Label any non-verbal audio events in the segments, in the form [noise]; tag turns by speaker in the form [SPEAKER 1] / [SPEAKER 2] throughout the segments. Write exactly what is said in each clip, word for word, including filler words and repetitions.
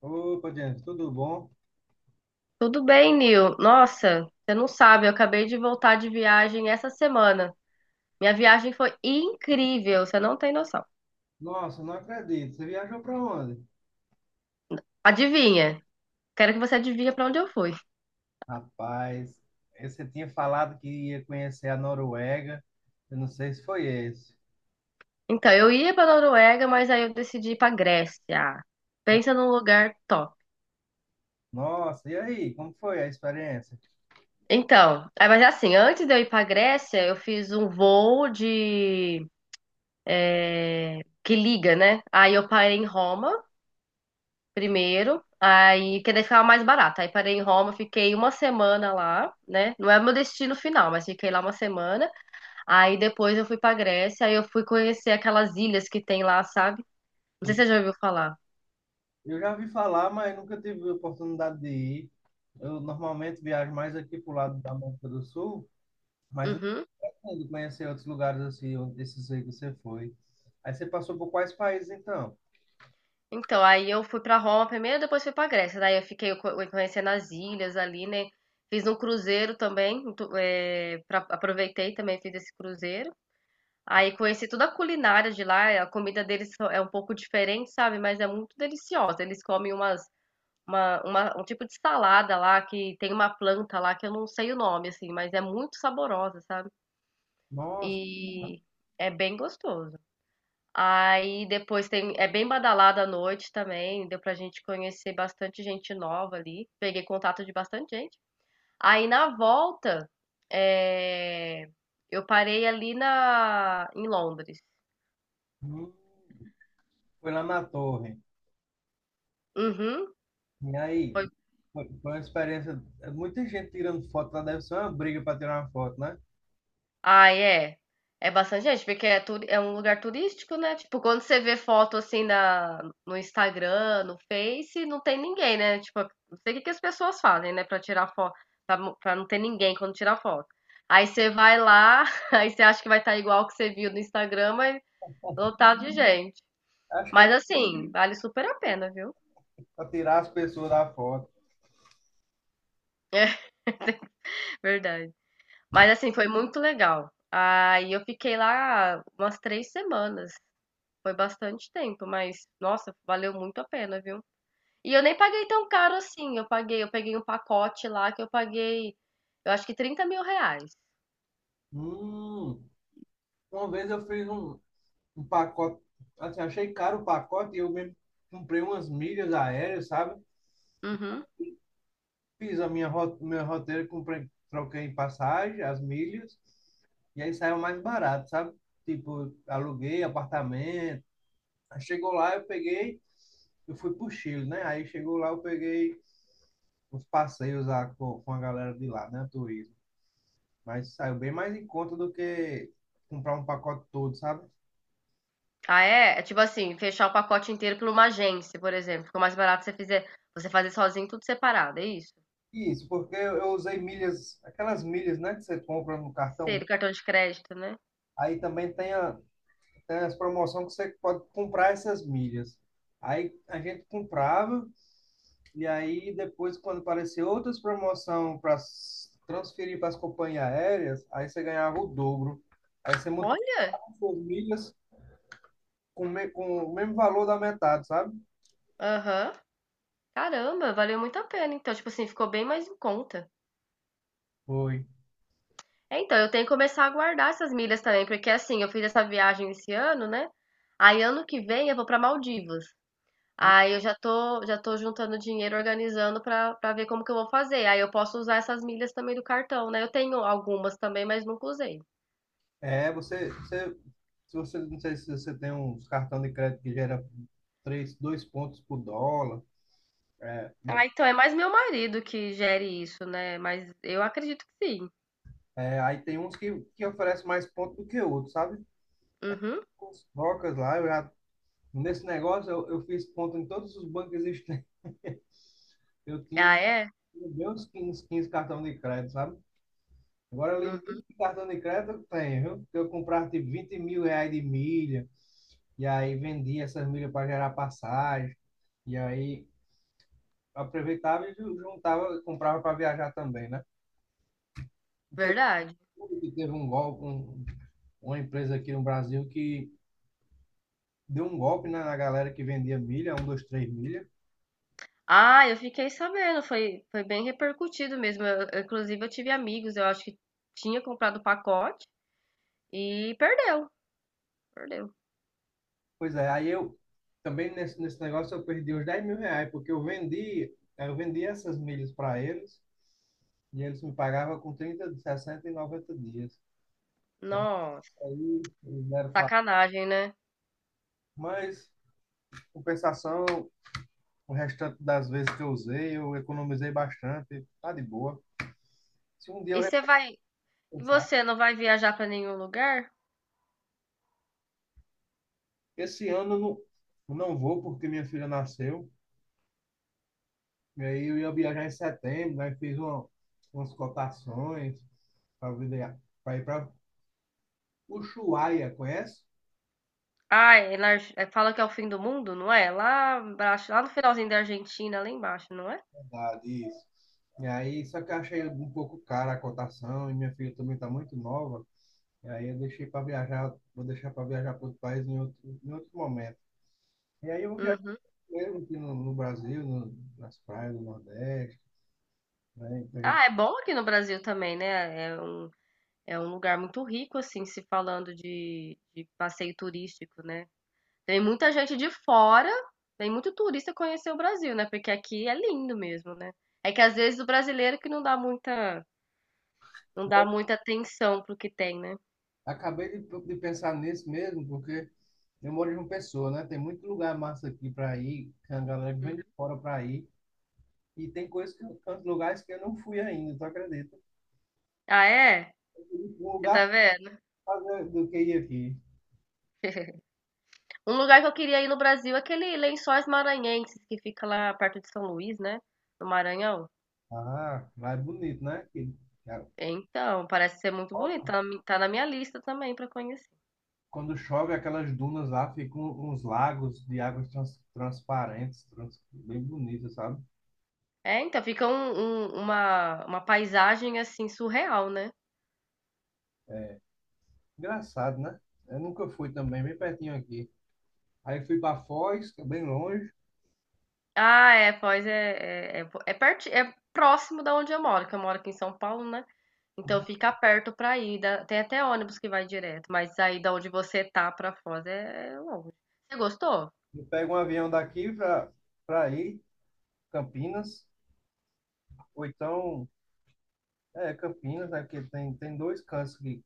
[SPEAKER 1] Opa, Diante, tudo bom?
[SPEAKER 2] Tudo bem, Nil? Nossa, você não sabe, eu acabei de voltar de viagem essa semana. Minha viagem foi incrível, você não tem noção.
[SPEAKER 1] Nossa, não acredito. Você viajou para onde?
[SPEAKER 2] Adivinha? Quero que você adivinhe para onde eu fui.
[SPEAKER 1] Rapaz, eh, você tinha falado que ia conhecer a Noruega. Eu não sei se foi esse.
[SPEAKER 2] Então, eu ia para Noruega, mas aí eu decidi ir para Grécia. Pensa num lugar top.
[SPEAKER 1] Nossa, e aí? Como foi a experiência?
[SPEAKER 2] Então, é, mas é assim, antes de eu ir para Grécia, eu fiz um voo de é, que liga, né? Aí eu parei em Roma primeiro, aí que daí ficava mais barato. Aí parei em Roma, fiquei uma semana lá, né? Não é meu destino final, mas fiquei lá uma semana. Aí depois eu fui pra Grécia, aí eu fui conhecer aquelas ilhas que tem lá, sabe? Não sei
[SPEAKER 1] E
[SPEAKER 2] se você já ouviu falar.
[SPEAKER 1] Eu já ouvi falar, mas nunca tive a oportunidade de ir. Eu normalmente viajo mais aqui pro lado da América do Sul, mas eu
[SPEAKER 2] Uhum.
[SPEAKER 1] pretendo conhecer outros lugares assim, onde- desses aí que você foi. Aí você passou por quais países então?
[SPEAKER 2] Então, aí eu fui pra Roma primeiro, depois fui pra Grécia. Daí eu fiquei co- conhecendo as ilhas ali, né? Fiz um cruzeiro também, tu- é, pra- aproveitei também, fiz esse cruzeiro. Aí conheci toda a culinária de lá, a comida deles só- é um pouco diferente, sabe? Mas é muito deliciosa. Eles comem umas, uma, uma- um tipo de salada lá, que tem uma planta lá que eu não sei o nome, assim, mas é muito saborosa, sabe?
[SPEAKER 1] Nossa,
[SPEAKER 2] E é bem gostoso. Aí depois tem, é bem badalada à noite também, deu pra gente conhecer bastante gente nova ali. Peguei contato de bastante gente. Aí na volta, é, eu parei ali na, em Londres.
[SPEAKER 1] hum, foi lá na Torre.
[SPEAKER 2] Uhum.
[SPEAKER 1] E aí,
[SPEAKER 2] Foi
[SPEAKER 1] foi foi uma experiência. é Muita gente tirando foto lá, deve ser uma briga para tirar uma foto, né?
[SPEAKER 2] Ah é. É bastante gente, porque é, turi- é um lugar turístico, né? Tipo, quando você vê foto assim na, no Instagram, no Face, não tem ninguém, né? Tipo, não sei o que que as pessoas fazem, né? Pra tirar foto, pra, mo- pra não ter ninguém quando tirar foto. Aí você vai lá, [laughs] aí você acha que vai estar igual o que você viu no Instagram, mas lotado de gente.
[SPEAKER 1] Acho que é
[SPEAKER 2] Mas assim, vale super a pena, viu?
[SPEAKER 1] para tirar as pessoas da foto.
[SPEAKER 2] [laughs] Verdade. Mas assim, foi muito legal. Aí eu fiquei lá umas três semanas. Foi bastante tempo, mas nossa, valeu muito a pena, viu? E eu nem paguei tão caro assim. Eu paguei, eu peguei um pacote lá que eu paguei, eu acho que trinta mil reais.
[SPEAKER 1] Hum, uma vez eu fiz um, um pacote, assim, achei caro o pacote e eu mesmo comprei umas milhas aéreas, sabe?
[SPEAKER 2] Uhum.
[SPEAKER 1] Fiz a minha ro- meu roteiro, comprei, troquei em passagem, as milhas, e aí saiu mais barato, sabe? Tipo, aluguei apartamento. Aí chegou lá, eu peguei, eu fui pro Chile, né? Aí chegou lá, eu peguei uns passeios lá com, com a galera de lá, né? Turismo. Mas saiu bem mais em conta do que comprar um pacote todo, sabe?
[SPEAKER 2] Ah, é? É tipo assim, fechar o pacote inteiro por uma agência, por exemplo. Ficou mais barato você fizer, você fazer sozinho tudo separado, é isso?
[SPEAKER 1] Isso, porque eu eu usei milhas, aquelas milhas, né, que você compra no
[SPEAKER 2] Sei,
[SPEAKER 1] cartão.
[SPEAKER 2] do cartão de crédito, né?
[SPEAKER 1] Aí também tem, a, tem as promoções que você pode comprar essas milhas. Aí a gente comprava, e aí depois, quando apareceu outras promoções para transferir para as companhias aéreas, aí você ganhava o dobro. Aí você
[SPEAKER 2] Olha!
[SPEAKER 1] multiplicava suas milhas com, me- com o mesmo valor da metade, sabe?
[SPEAKER 2] Aham. Caramba, valeu muito a pena. Então, tipo assim, ficou bem mais em conta.
[SPEAKER 1] Foi.
[SPEAKER 2] É, então, eu tenho que começar a guardar essas milhas também, porque assim, eu fiz essa viagem esse ano, né? Aí ano que vem eu vou para Maldivas. Aí eu já tô, já tô juntando dinheiro, organizando para para ver como que eu vou fazer. Aí eu posso usar essas milhas também do cartão, né? Eu tenho algumas também, mas nunca usei.
[SPEAKER 1] É, você, você, se você, não sei se você tem uns cartão de crédito que gera três, dois pontos por dólar. É, de-
[SPEAKER 2] Ah, então é mais meu marido que gere isso, né? Mas eu acredito que sim.
[SPEAKER 1] é, aí tem uns que, que oferece mais pontos do que outros, sabe?
[SPEAKER 2] Uhum.
[SPEAKER 1] Com os trocas lá, eu já, nesse negócio eu, eu fiz ponto em todos os bancos existentes. Eu tinha
[SPEAKER 2] Ah, é?
[SPEAKER 1] bem uns quinze 15 cartão de crédito, sabe? Agora,
[SPEAKER 2] Uhum.
[SPEAKER 1] limite de cartão de crédito eu tenho, viu? Porque eu comprava tipo vinte mil reais de milha, e aí vendia essas milhas para gerar passagem, e aí aproveitava e juntava, comprava para viajar também, né? Não sei se
[SPEAKER 2] Verdade.
[SPEAKER 1] você viu que teve um golpe, um- uma empresa aqui no Brasil que deu um golpe né, na galera que vendia milha, um, dois, três milha.
[SPEAKER 2] Ah, eu fiquei sabendo, foi, foi bem repercutido mesmo. Eu- eu, inclusive, eu tive amigos, eu acho que tinha comprado o pacote. E perdeu, perdeu.
[SPEAKER 1] Pois é, aí eu também nesse, nesse negócio eu perdi uns dez mil reais, porque eu vendi, eu vendi essas milhas para eles e eles me pagavam com trinta, sessenta e noventa dias.
[SPEAKER 2] Nossa,
[SPEAKER 1] Isso aí eles deram. pra-
[SPEAKER 2] sacanagem, né?
[SPEAKER 1] Mas, compensação, o restante das vezes que eu usei, eu economizei bastante, tá de boa. Se um dia
[SPEAKER 2] E
[SPEAKER 1] eu
[SPEAKER 2] você vai, e
[SPEAKER 1] repensar.
[SPEAKER 2] você não vai viajar pra nenhum lugar?
[SPEAKER 1] Esse ano eu não, eu não vou, porque minha filha nasceu. E aí eu ia viajar em setembro, aí fiz uma, umas cotações para ir para Ushuaia, conhece?
[SPEAKER 2] Ah, é na Arge- é, fala que é o fim do mundo, não é? Lá embaixo, lá no finalzinho da Argentina, lá embaixo, não é?
[SPEAKER 1] Da, disso. E aí, só que eu achei um pouco cara a cotação, e minha filha também está muito nova. E aí eu deixei para viajar, vou deixar para viajar para outro país em outro, em outro momento. E aí eu vou viajar
[SPEAKER 2] Uhum.
[SPEAKER 1] mesmo aqui no, no Brasil, no, nas praias do Nordeste, né? Então a
[SPEAKER 2] Ah, é bom aqui no Brasil também, né? É um, é um lugar muito rico, assim, se falando de, de passeio turístico, né? Tem muita gente de fora, tem muito turista conhecer o Brasil, né? Porque aqui é lindo mesmo, né? É que às vezes o brasileiro que não dá muita Não dá muita atenção pro que tem, né.
[SPEAKER 1] Acabei de, de pensar nisso mesmo, porque eu moro em uma pessoa, né? Tem muito lugar massa aqui para ir, que a galera que vem
[SPEAKER 2] Hum.
[SPEAKER 1] de fora para ir, e tem coisas que eu, tantos lugares que eu não fui ainda, tu acredita?
[SPEAKER 2] Ah, é?
[SPEAKER 1] Um
[SPEAKER 2] Você
[SPEAKER 1] lugar
[SPEAKER 2] tá
[SPEAKER 1] pra
[SPEAKER 2] vendo?
[SPEAKER 1] fazer do que ir aqui.
[SPEAKER 2] Um lugar que eu queria ir no Brasil é aquele Lençóis Maranhenses, que fica lá perto de São Luís, né, no Maranhão.
[SPEAKER 1] Ah, lá é bonito, né? Que, cara,
[SPEAKER 2] Então, parece ser muito
[SPEAKER 1] chove.
[SPEAKER 2] bonito, tá na mi tá na minha lista também pra conhecer.
[SPEAKER 1] Quando chove, aquelas dunas lá ficam uns lagos de águas trans, transparentes, trans, bem bonitas, sabe?
[SPEAKER 2] É, então, fica um um uma uma paisagem, assim, surreal, né.
[SPEAKER 1] É, engraçado, né? Eu nunca fui também, bem pertinho aqui. Aí fui para Foz, que é bem longe.
[SPEAKER 2] Ah, é, pois é é é é perti é próximo da onde eu moro, que eu moro aqui em São Paulo, né. Então fica perto pra ir, dá tem até ônibus que vai direto, mas aí da onde você tá pra Foz é é longe. Você gostou?
[SPEAKER 1] Eu pego um avião daqui para para ir, Campinas, ou então, é, Campinas, né? Porque tem, tem dois cantos que,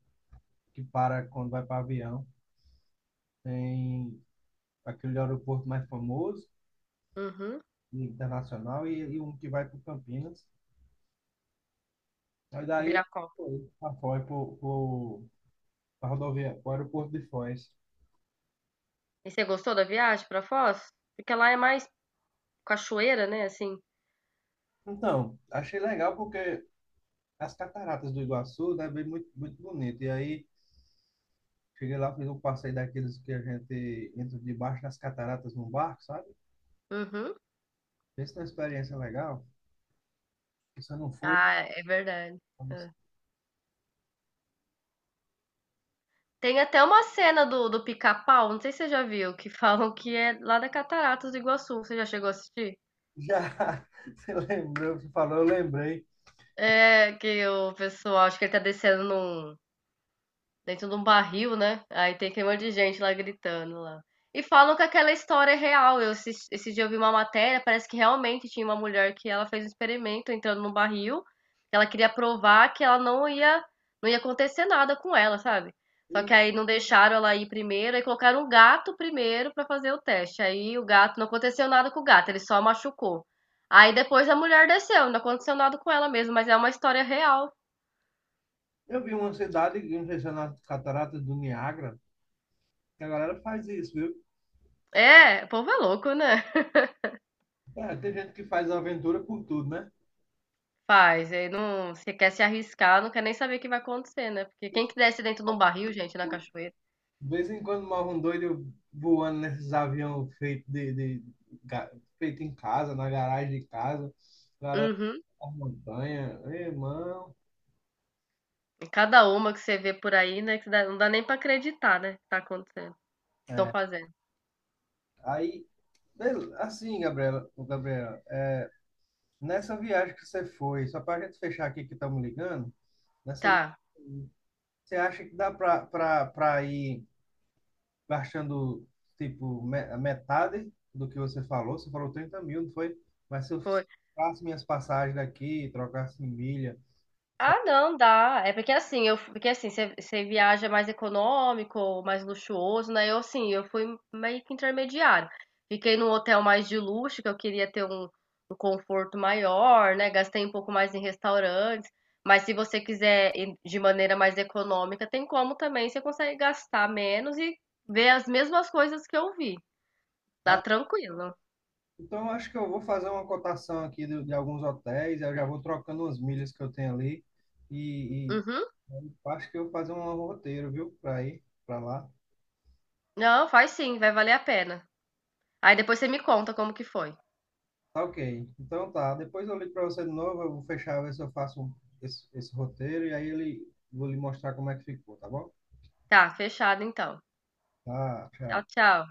[SPEAKER 1] que para quando vai para avião. Tem aquele aeroporto mais famoso,
[SPEAKER 2] Uhum,
[SPEAKER 1] internacional, e, e um que vai para Campinas. Aí daí eu
[SPEAKER 2] Viracopos.
[SPEAKER 1] fui para Foz, para rodovia, para o aeroporto de Foz.
[SPEAKER 2] E você gostou da viagem pra Foz? Porque lá é mais cachoeira, né, assim.
[SPEAKER 1] Então, achei legal porque as cataratas do Iguaçu, né, bem muito, muito bonito. E aí, cheguei lá, fiz um passeio daqueles que a gente entra debaixo das cataratas num barco, sabe?
[SPEAKER 2] Uhum.
[SPEAKER 1] Pensa numa experiência legal. Você não foi,
[SPEAKER 2] Ah, é verdade. É. Tem até uma cena do, do Pica-Pau, não sei se você já viu, que [laughs] falam que é lá da Cataratas do Iguaçu. Você já chegou a assistir?
[SPEAKER 1] já [laughs] você lembrou, você falou, eu lembrei.
[SPEAKER 2] É, que o pessoal, acho que ele tá descendo num, dentro de um barril, né? Aí tem aquele monte de gente lá gritando lá. E falam que aquela história é real. Eu, esse, esse dia eu vi uma matéria, parece que realmente tinha uma mulher que ela fez um experimento entrando num barril. Ela queria provar que ela não ia, não ia acontecer nada com ela, sabe? Só que aí não deixaram ela ir primeiro, aí colocaram um gato primeiro pra fazer o teste. Aí o gato, não aconteceu nada com o gato, ele só machucou. Aí depois a mulher desceu, não aconteceu nada com ela mesmo, mas é uma história real.
[SPEAKER 1] Eu vi uma cidade, não sei se é nas cataratas do Niágara, que a galera faz isso, viu?
[SPEAKER 2] É, o povo é louco, né?
[SPEAKER 1] É, tem gente que faz aventura por tudo, né?
[SPEAKER 2] Faz, aí não, você quer se arriscar, não quer nem saber o que vai acontecer, né? Porque quem que desce dentro de um barril, gente, na cachoeira?
[SPEAKER 1] De vez em quando morre um doido voando nesses aviões feitos de, de, ga- feito em casa, na garagem de casa, a galera
[SPEAKER 2] Uhum.
[SPEAKER 1] na montanha, irmão.
[SPEAKER 2] E cada uma que você vê por aí, né? Que dá- não dá nem pra acreditar, né? Que tá acontecendo, que estão fazendo.
[SPEAKER 1] Aí, bel- assim, Gabriela, Gabriela, é, nessa viagem que você foi, só para a gente fechar aqui que estamos ligando, nessa viagem,
[SPEAKER 2] Tá,
[SPEAKER 1] você acha que dá para ir gastando, tipo, me- a metade do que você falou? Você falou trinta mil, não foi? Mas se eu
[SPEAKER 2] foi.
[SPEAKER 1] faço minhas passagens daqui, trocasse em milha. Você
[SPEAKER 2] Ah, não, dá. É porque assim, eu, porque assim, você você viaja mais econômico, mais luxuoso, né? Eu assim, eu fui meio que intermediário. Fiquei num hotel mais de luxo, que eu queria ter um, um conforto maior, né? Gastei um pouco mais em restaurantes. Mas se você quiser ir de maneira mais econômica, tem como também, você consegue gastar menos e ver as mesmas coisas que eu vi. Tá tranquilo.
[SPEAKER 1] Então, eu acho que eu vou fazer uma cotação aqui de, de alguns hotéis, eu já vou trocando umas milhas que eu tenho ali. E, e
[SPEAKER 2] Uhum.
[SPEAKER 1] eu acho que eu vou fazer um roteiro, viu, para ir para lá.
[SPEAKER 2] Não, faz sim, vai valer a pena. Aí depois você me conta como que foi.
[SPEAKER 1] Tá ok. Então tá. Depois eu ligo para você de novo. Eu vou fechar, ver se eu faço um- esse, esse roteiro e aí ele vou lhe mostrar como é que ficou, tá bom?
[SPEAKER 2] Tá, fechado então.
[SPEAKER 1] Tá,
[SPEAKER 2] Tchau,
[SPEAKER 1] tchau.
[SPEAKER 2] tchau.